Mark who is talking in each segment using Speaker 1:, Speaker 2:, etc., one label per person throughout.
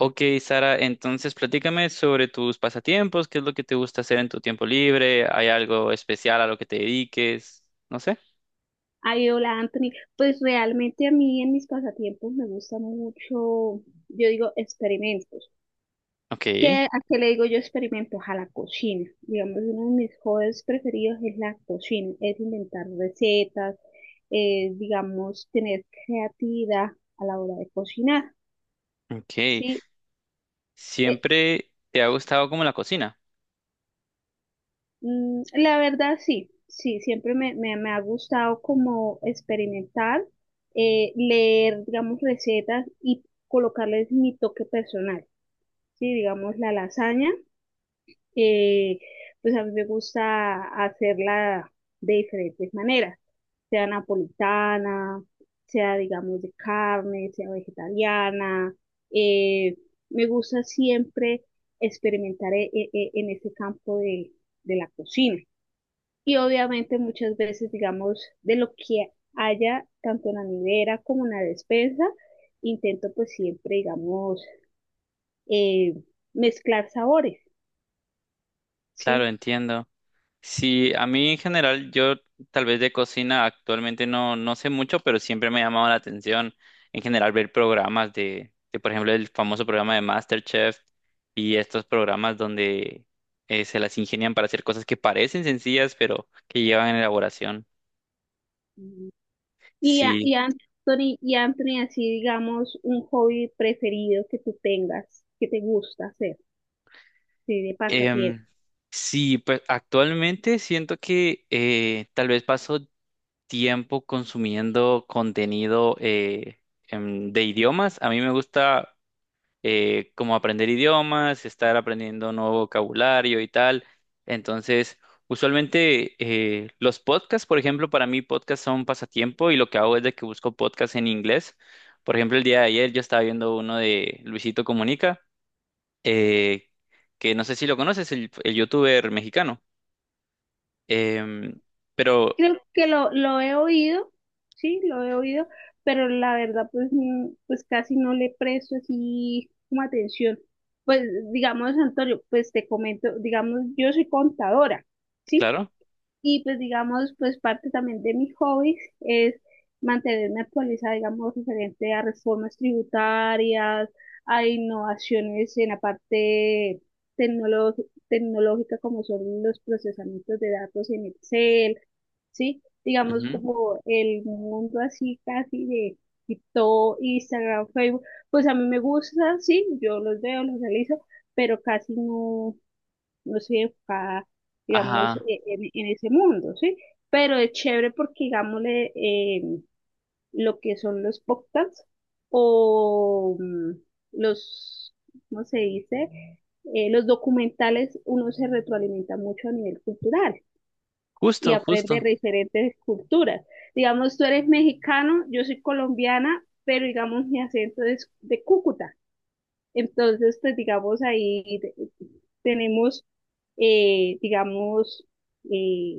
Speaker 1: Ok, Sara, entonces platícame sobre tus pasatiempos. ¿Qué es lo que te gusta hacer en tu tiempo libre? ¿Hay algo especial a lo que te dediques? No sé.
Speaker 2: Ay, hola Anthony, pues realmente a mí en mis pasatiempos me gusta mucho, yo digo experimentos.
Speaker 1: Ok,
Speaker 2: ¿A qué le digo yo experimentos? A la cocina. Digamos, uno de mis hobbies preferidos es la cocina, es inventar recetas, digamos, tener creatividad a la hora de cocinar.
Speaker 1: ok.
Speaker 2: Sí. Eh,
Speaker 1: ¿Siempre te ha gustado como la cocina?
Speaker 2: la verdad sí, sí, siempre me ha gustado como experimentar, leer, digamos, recetas y colocarles mi toque personal. Sí, digamos, la lasaña, eh, pues a mí me gusta hacerla de diferentes maneras, sea napolitana, sea digamos de carne, sea vegetariana, eh, me gusta siempre experimentar en ese campo de la cocina. Y obviamente muchas veces, digamos, de lo que haya tanto en la nevera como en la despensa, intento pues siempre, digamos, eh, mezclar sabores,
Speaker 1: Claro,
Speaker 2: ¿sí?
Speaker 1: entiendo. Sí, a mí en general, yo tal vez de cocina actualmente no, no sé mucho, pero siempre me ha llamado la atención en general ver programas de, por ejemplo, el famoso programa de MasterChef y estos programas donde se las ingenian para hacer cosas que parecen sencillas, pero que llevan elaboración.
Speaker 2: Mm. Y, a-
Speaker 1: Sí,
Speaker 2: y Anthony, y Anthony, así digamos, un hobby preferido que tú tengas, que te gusta hacer, sí, de pasatiempo.
Speaker 1: em, sí, pues actualmente siento que tal vez paso tiempo consumiendo contenido de idiomas. A mí me gusta como aprender idiomas, estar aprendiendo nuevo vocabulario y tal. Entonces, usualmente los podcasts, por ejemplo, para mí podcasts son pasatiempo y lo que hago es de que busco podcasts en inglés. Por ejemplo, el día de ayer yo estaba viendo uno de Luisito Comunica, eh, que no sé si lo conoces, el youtuber mexicano. Em, pero,
Speaker 2: Creo que lo he oído, sí, lo he oído, pero la verdad, pues, pues casi no le presto así como atención. Pues, digamos, Antonio, pues te comento, digamos, yo soy contadora, ¿sí?
Speaker 1: claro.
Speaker 2: Y pues digamos, pues parte también de mis hobbies es mantenerme actualizada, digamos, referente a reformas tributarias, a innovaciones en la parte tecnolo- tecnológica, como son los procesamientos de datos en Excel, ¿sí? Digamos,
Speaker 1: Ujú,
Speaker 2: como el mundo así casi de TikTok, Instagram, Facebook, pues a mí me gusta, sí, yo los veo, los realizo, pero casi no estoy enfocada, digamos,
Speaker 1: ajá,
Speaker 2: en ese mundo, ¿sí? Pero es chévere porque, digámosle, lo que son los podcasts o los, ¿cómo se dice? Los documentales, uno se retroalimenta mucho a nivel cultural y
Speaker 1: justo,
Speaker 2: aprende
Speaker 1: justo.
Speaker 2: de diferentes culturas. Digamos, tú eres mexicano, yo soy colombiana, pero digamos, mi acento es de Cúcuta. Entonces, pues digamos ahí tenemos, digamos, eh,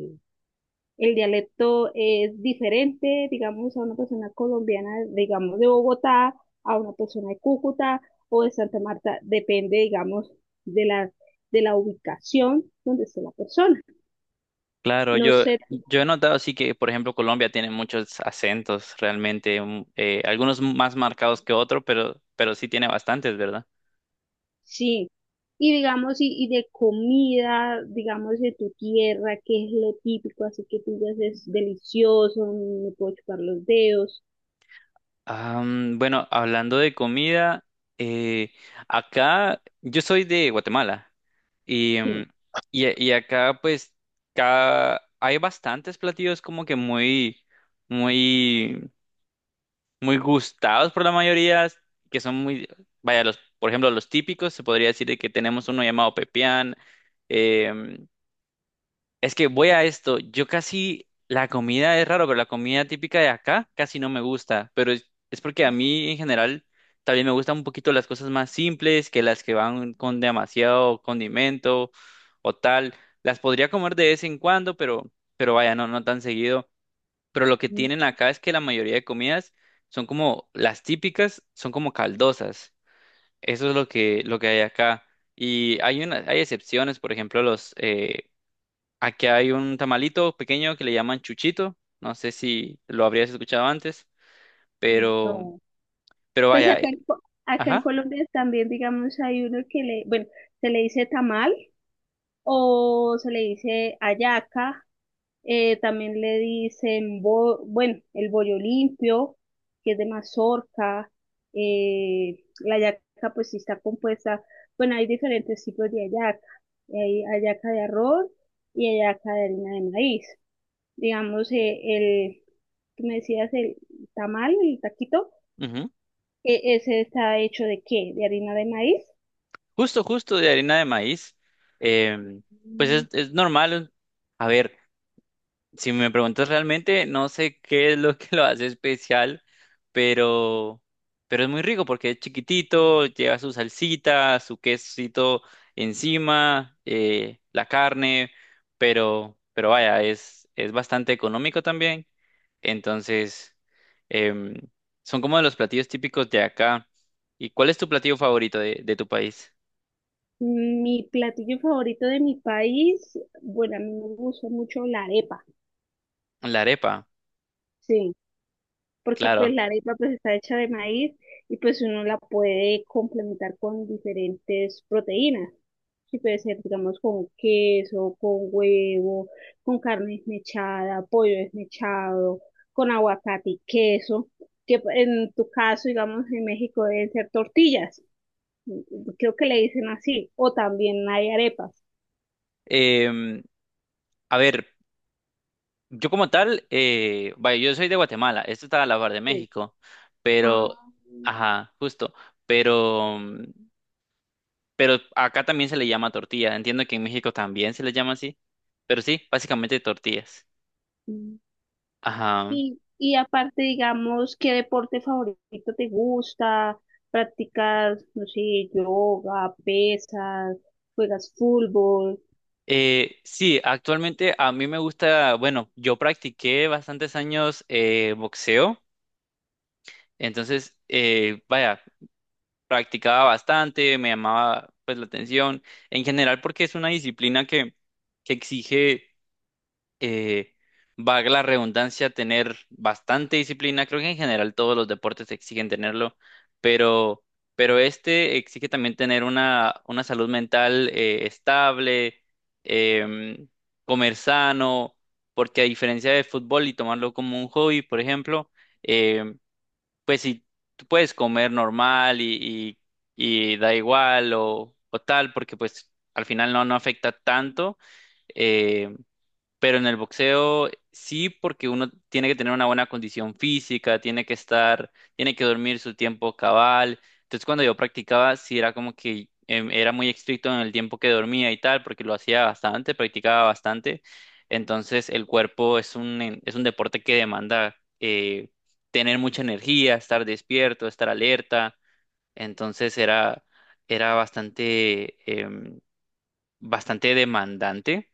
Speaker 2: el dialecto es diferente, digamos, a una persona colombiana, digamos, de Bogotá, a una persona de Cúcuta o de Santa Marta, depende, digamos, de la, de la ubicación donde esté la persona.
Speaker 1: Claro,
Speaker 2: No
Speaker 1: yo,
Speaker 2: sé.
Speaker 1: yo he notado sí que, por ejemplo, Colombia tiene muchos acentos realmente, algunos más marcados que otros, pero sí tiene bastantes, ¿verdad?
Speaker 2: Sí, y digamos, y de comida, digamos, de tu tierra, ¿qué es lo típico, así que tú digas es delicioso, me puedo chupar los dedos?
Speaker 1: Bueno, hablando de comida, eh, acá yo soy de Guatemala y,
Speaker 2: Sí.
Speaker 1: mm, y acá pues hay bastantes platillos como que muy, muy muy gustados por la mayoría, que son muy, vaya, los, por ejemplo, los típicos, se podría decir de que tenemos uno llamado pepián. em, es que voy a esto, yo casi, la comida es raro, pero la comida típica de acá casi no me gusta, pero es porque a mí en general también me gustan un poquito las cosas más simples que las que van con demasiado condimento o tal. Las podría comer de vez en cuando, pero vaya, no tan seguido, pero lo que
Speaker 2: Mm.
Speaker 1: tienen acá es que la mayoría de comidas son como las típicas, son como caldosas. Eso es lo que hay acá. Y hay excepciones, por ejemplo, los aquí hay un tamalito pequeño que le llaman chuchito. No sé si lo habrías escuchado antes, pero,
Speaker 2: No.
Speaker 1: pero
Speaker 2: Pues
Speaker 1: vaya,
Speaker 2: acá en, Co- acá en
Speaker 1: ajá,
Speaker 2: Colombia también, digamos, hay uno que le, bueno, se le dice tamal o se le dice hallaca. También le dicen, bueno, el bollo limpio, que es de mazorca. La yaca, pues sí está compuesta. Bueno, hay diferentes tipos de hallaca. Hay hallaca de arroz y hallaca de harina de maíz. Digamos, el, que me decías, el tamal, el taquito,
Speaker 1: ujú.
Speaker 2: ese está hecho ¿de qué? De harina de maíz.
Speaker 1: Justo, justo de harina de maíz. Em, pues
Speaker 2: Mm.
Speaker 1: es normal. A ver. Si me preguntas realmente, no sé qué es lo que lo hace especial, pero, pero es muy rico porque es chiquitito, lleva su salsita, su quesito encima, la carne, pero vaya, es bastante económico también. Entonces, em, son como de los platillos típicos de acá. ¿Y cuál es tu platillo favorito de tu país?
Speaker 2: Mi platillo favorito de mi país, bueno, a mí me gusta mucho la arepa.
Speaker 1: La arepa,
Speaker 2: Sí, porque pues
Speaker 1: claro.
Speaker 2: la arepa pues está hecha de maíz y pues uno la puede complementar con diferentes proteínas. Sí, puede ser, digamos, con queso, con huevo, con carne desmechada, pollo desmechado, con aguacate y queso, que pues, en tu caso, digamos, en México deben ser tortillas, creo que le dicen así, o también hay arepas.
Speaker 1: Em, a ver. Yo como tal, vaya, yo soy de Guatemala, esto está a la par de
Speaker 2: Sí.
Speaker 1: México, pero, ajá, justo, pero, mm, pero acá también se le llama tortilla, entiendo que en México también se le llama así, pero sí, básicamente tortillas.
Speaker 2: Ah.
Speaker 1: Ajá.
Speaker 2: Y aparte, digamos, ¿qué deporte favorito te gusta? ¿Practicas, no sé, yoga, pesas, juegas fútbol?
Speaker 1: Sí, actualmente a mí me gusta, bueno, yo practiqué bastantes años boxeo, entonces, vaya, practicaba bastante, me llamaba pues la atención, en general porque es una disciplina que exige eh, valga la redundancia, tener bastante disciplina. Creo que en general todos los deportes exigen tenerlo, pero, pero este exige también tener una salud mental estable, em, comer sano, porque a diferencia del fútbol y tomarlo como un hobby, por ejemplo, em, pues si tú puedes comer normal y da igual o tal, porque pues al final no afecta tanto. em, pero en el boxeo sí, porque uno tiene que tener una buena condición física, tiene que estar, tiene que dormir su tiempo cabal. Entonces cuando yo practicaba, sí era como que era muy estricto en el tiempo que dormía y tal, porque lo hacía bastante, practicaba bastante. Entonces el cuerpo es es un deporte que demanda tener mucha energía, estar despierto, estar alerta. Entonces era em, bastante demandante,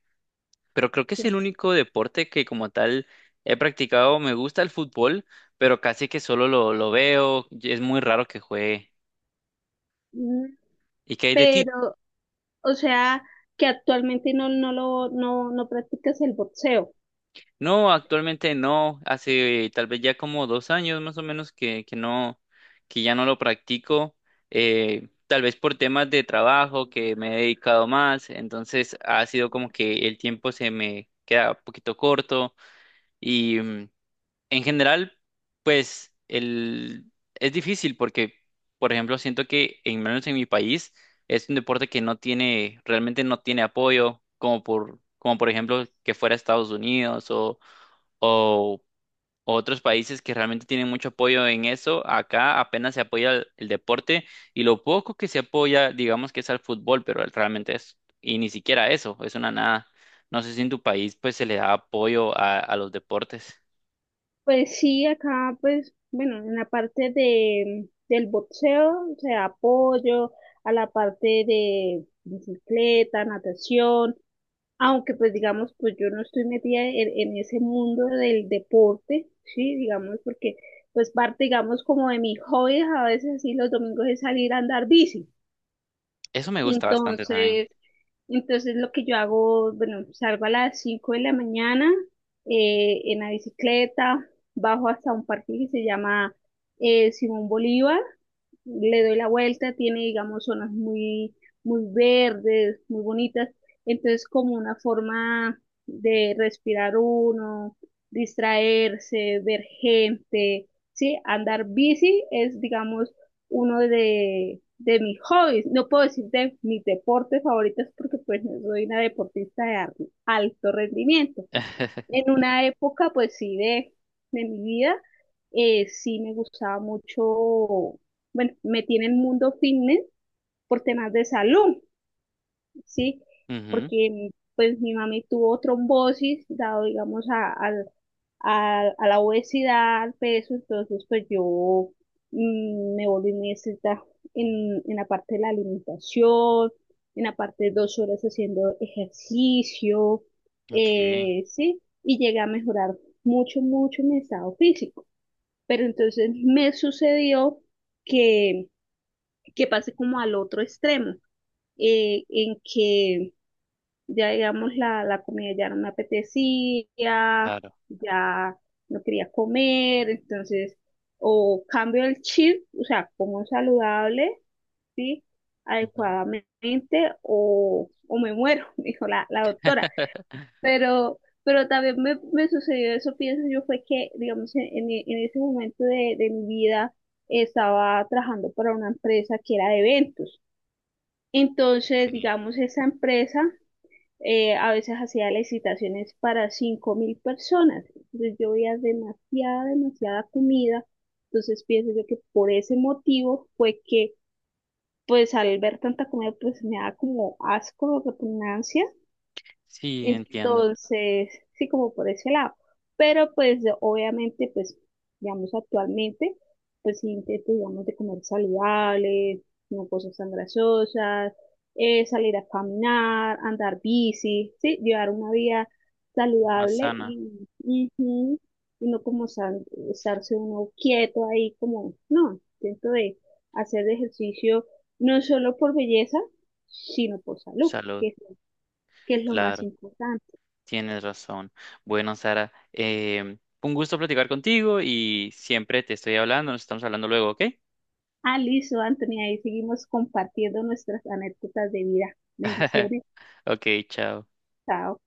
Speaker 1: pero creo que es el único deporte que como tal he practicado. Me gusta el fútbol, pero casi que solo lo veo. Y es muy raro que juegue.
Speaker 2: Mm.
Speaker 1: ¿Y qué hay de ti?
Speaker 2: Pero, o sea, que actualmente no, no lo, no, no practicas el boxeo.
Speaker 1: No, actualmente no. Hace tal vez ya como 2 años más o menos que no, que ya no lo practico. Tal vez por temas de trabajo que me he dedicado más. Entonces ha sido como que el tiempo se me queda un poquito corto. Y en general, pues es difícil porque, por ejemplo, siento que en menos en mi país es un deporte que no tiene, realmente no tiene apoyo, como por ejemplo que fuera Estados Unidos o otros países que realmente tienen mucho apoyo en eso. Acá apenas se apoya el deporte y lo poco que se apoya, digamos que es al fútbol, pero realmente es, y ni siquiera eso, es una nada. No sé si en tu país pues se le da apoyo a los deportes.
Speaker 2: Pues sí, acá, pues, bueno, en la parte del boxeo, o sea, apoyo a la parte de bicicleta, natación. Aunque pues digamos, pues yo no estoy metida en ese mundo del deporte, sí, digamos, porque pues parte, digamos, como de mis hobbies a veces así los domingos es salir a andar bici.
Speaker 1: Eso me gusta bastante también.
Speaker 2: Entonces, entonces lo que yo hago, bueno, salgo a las 5 de la mañana en la bicicleta, bajo hasta un parque que se llama Simón Bolívar, le doy la vuelta, tiene, digamos, zonas muy, muy verdes, muy bonitas, entonces como una forma de respirar uno, distraerse, ver gente, ¿sí? Andar bici es, digamos, uno de mis hobbies. No puedo decir de mis deportes favoritos porque pues no soy una deportista de alto rendimiento. En una época, pues sí, de mi vida, sí me gustaba mucho, bueno, me tiene el mundo fitness por temas de salud. Sí,
Speaker 1: Ujú,
Speaker 2: porque pues mi mami tuvo trombosis, dado digamos a la obesidad, al peso, entonces pues yo, me volví muy estricta en la parte de la alimentación, en la parte de 2 horas haciendo ejercicio,
Speaker 1: ok,
Speaker 2: sí, y llegué a mejorar mucho, mucho mi estado físico. Pero entonces me sucedió que, que pasé como al otro extremo, en que ya, digamos, la comida ya no me apetecía,
Speaker 1: claro.
Speaker 2: ya no quería comer, entonces, o cambio el chip, o sea, como saludable, ¿sí?
Speaker 1: Ujú,
Speaker 2: Adecuadamente, o me muero, dijo la doctora. Pero también me sucedió eso, pienso yo, fue que, digamos, en ese momento de mi vida estaba trabajando para una empresa que era de eventos. Entonces,
Speaker 1: ok.
Speaker 2: digamos, esa empresa a veces hacía licitaciones para 5.000 personas. Entonces yo veía demasiada, demasiada comida. Entonces pienso yo que por ese motivo fue que, pues al ver tanta comida, pues me da como asco, repugnancia.
Speaker 1: Sí, entiendo.
Speaker 2: Entonces, sí, como por ese lado. Pero pues obviamente, pues, digamos, actualmente, pues sí intento, digamos, de comer saludable, no cosas tan grasosas, salir a caminar, andar bici, sí, llevar una vida
Speaker 1: Más
Speaker 2: saludable
Speaker 1: sana,
Speaker 2: y, ujú, y no como estarse uno quieto ahí, como, no, intento de hacer ejercicio no solo por belleza, sino por salud,
Speaker 1: salud,
Speaker 2: que es lo más
Speaker 1: claro.
Speaker 2: importante.
Speaker 1: Tienes razón. Bueno, Sara, em, un gusto platicar contigo y siempre te estoy hablando. Nos estamos hablando luego, ¿ok?
Speaker 2: Ah, listo, Anthony, ahí seguimos compartiendo nuestras anécdotas de vida. Bendiciones,
Speaker 1: Ok, chao.
Speaker 2: chao.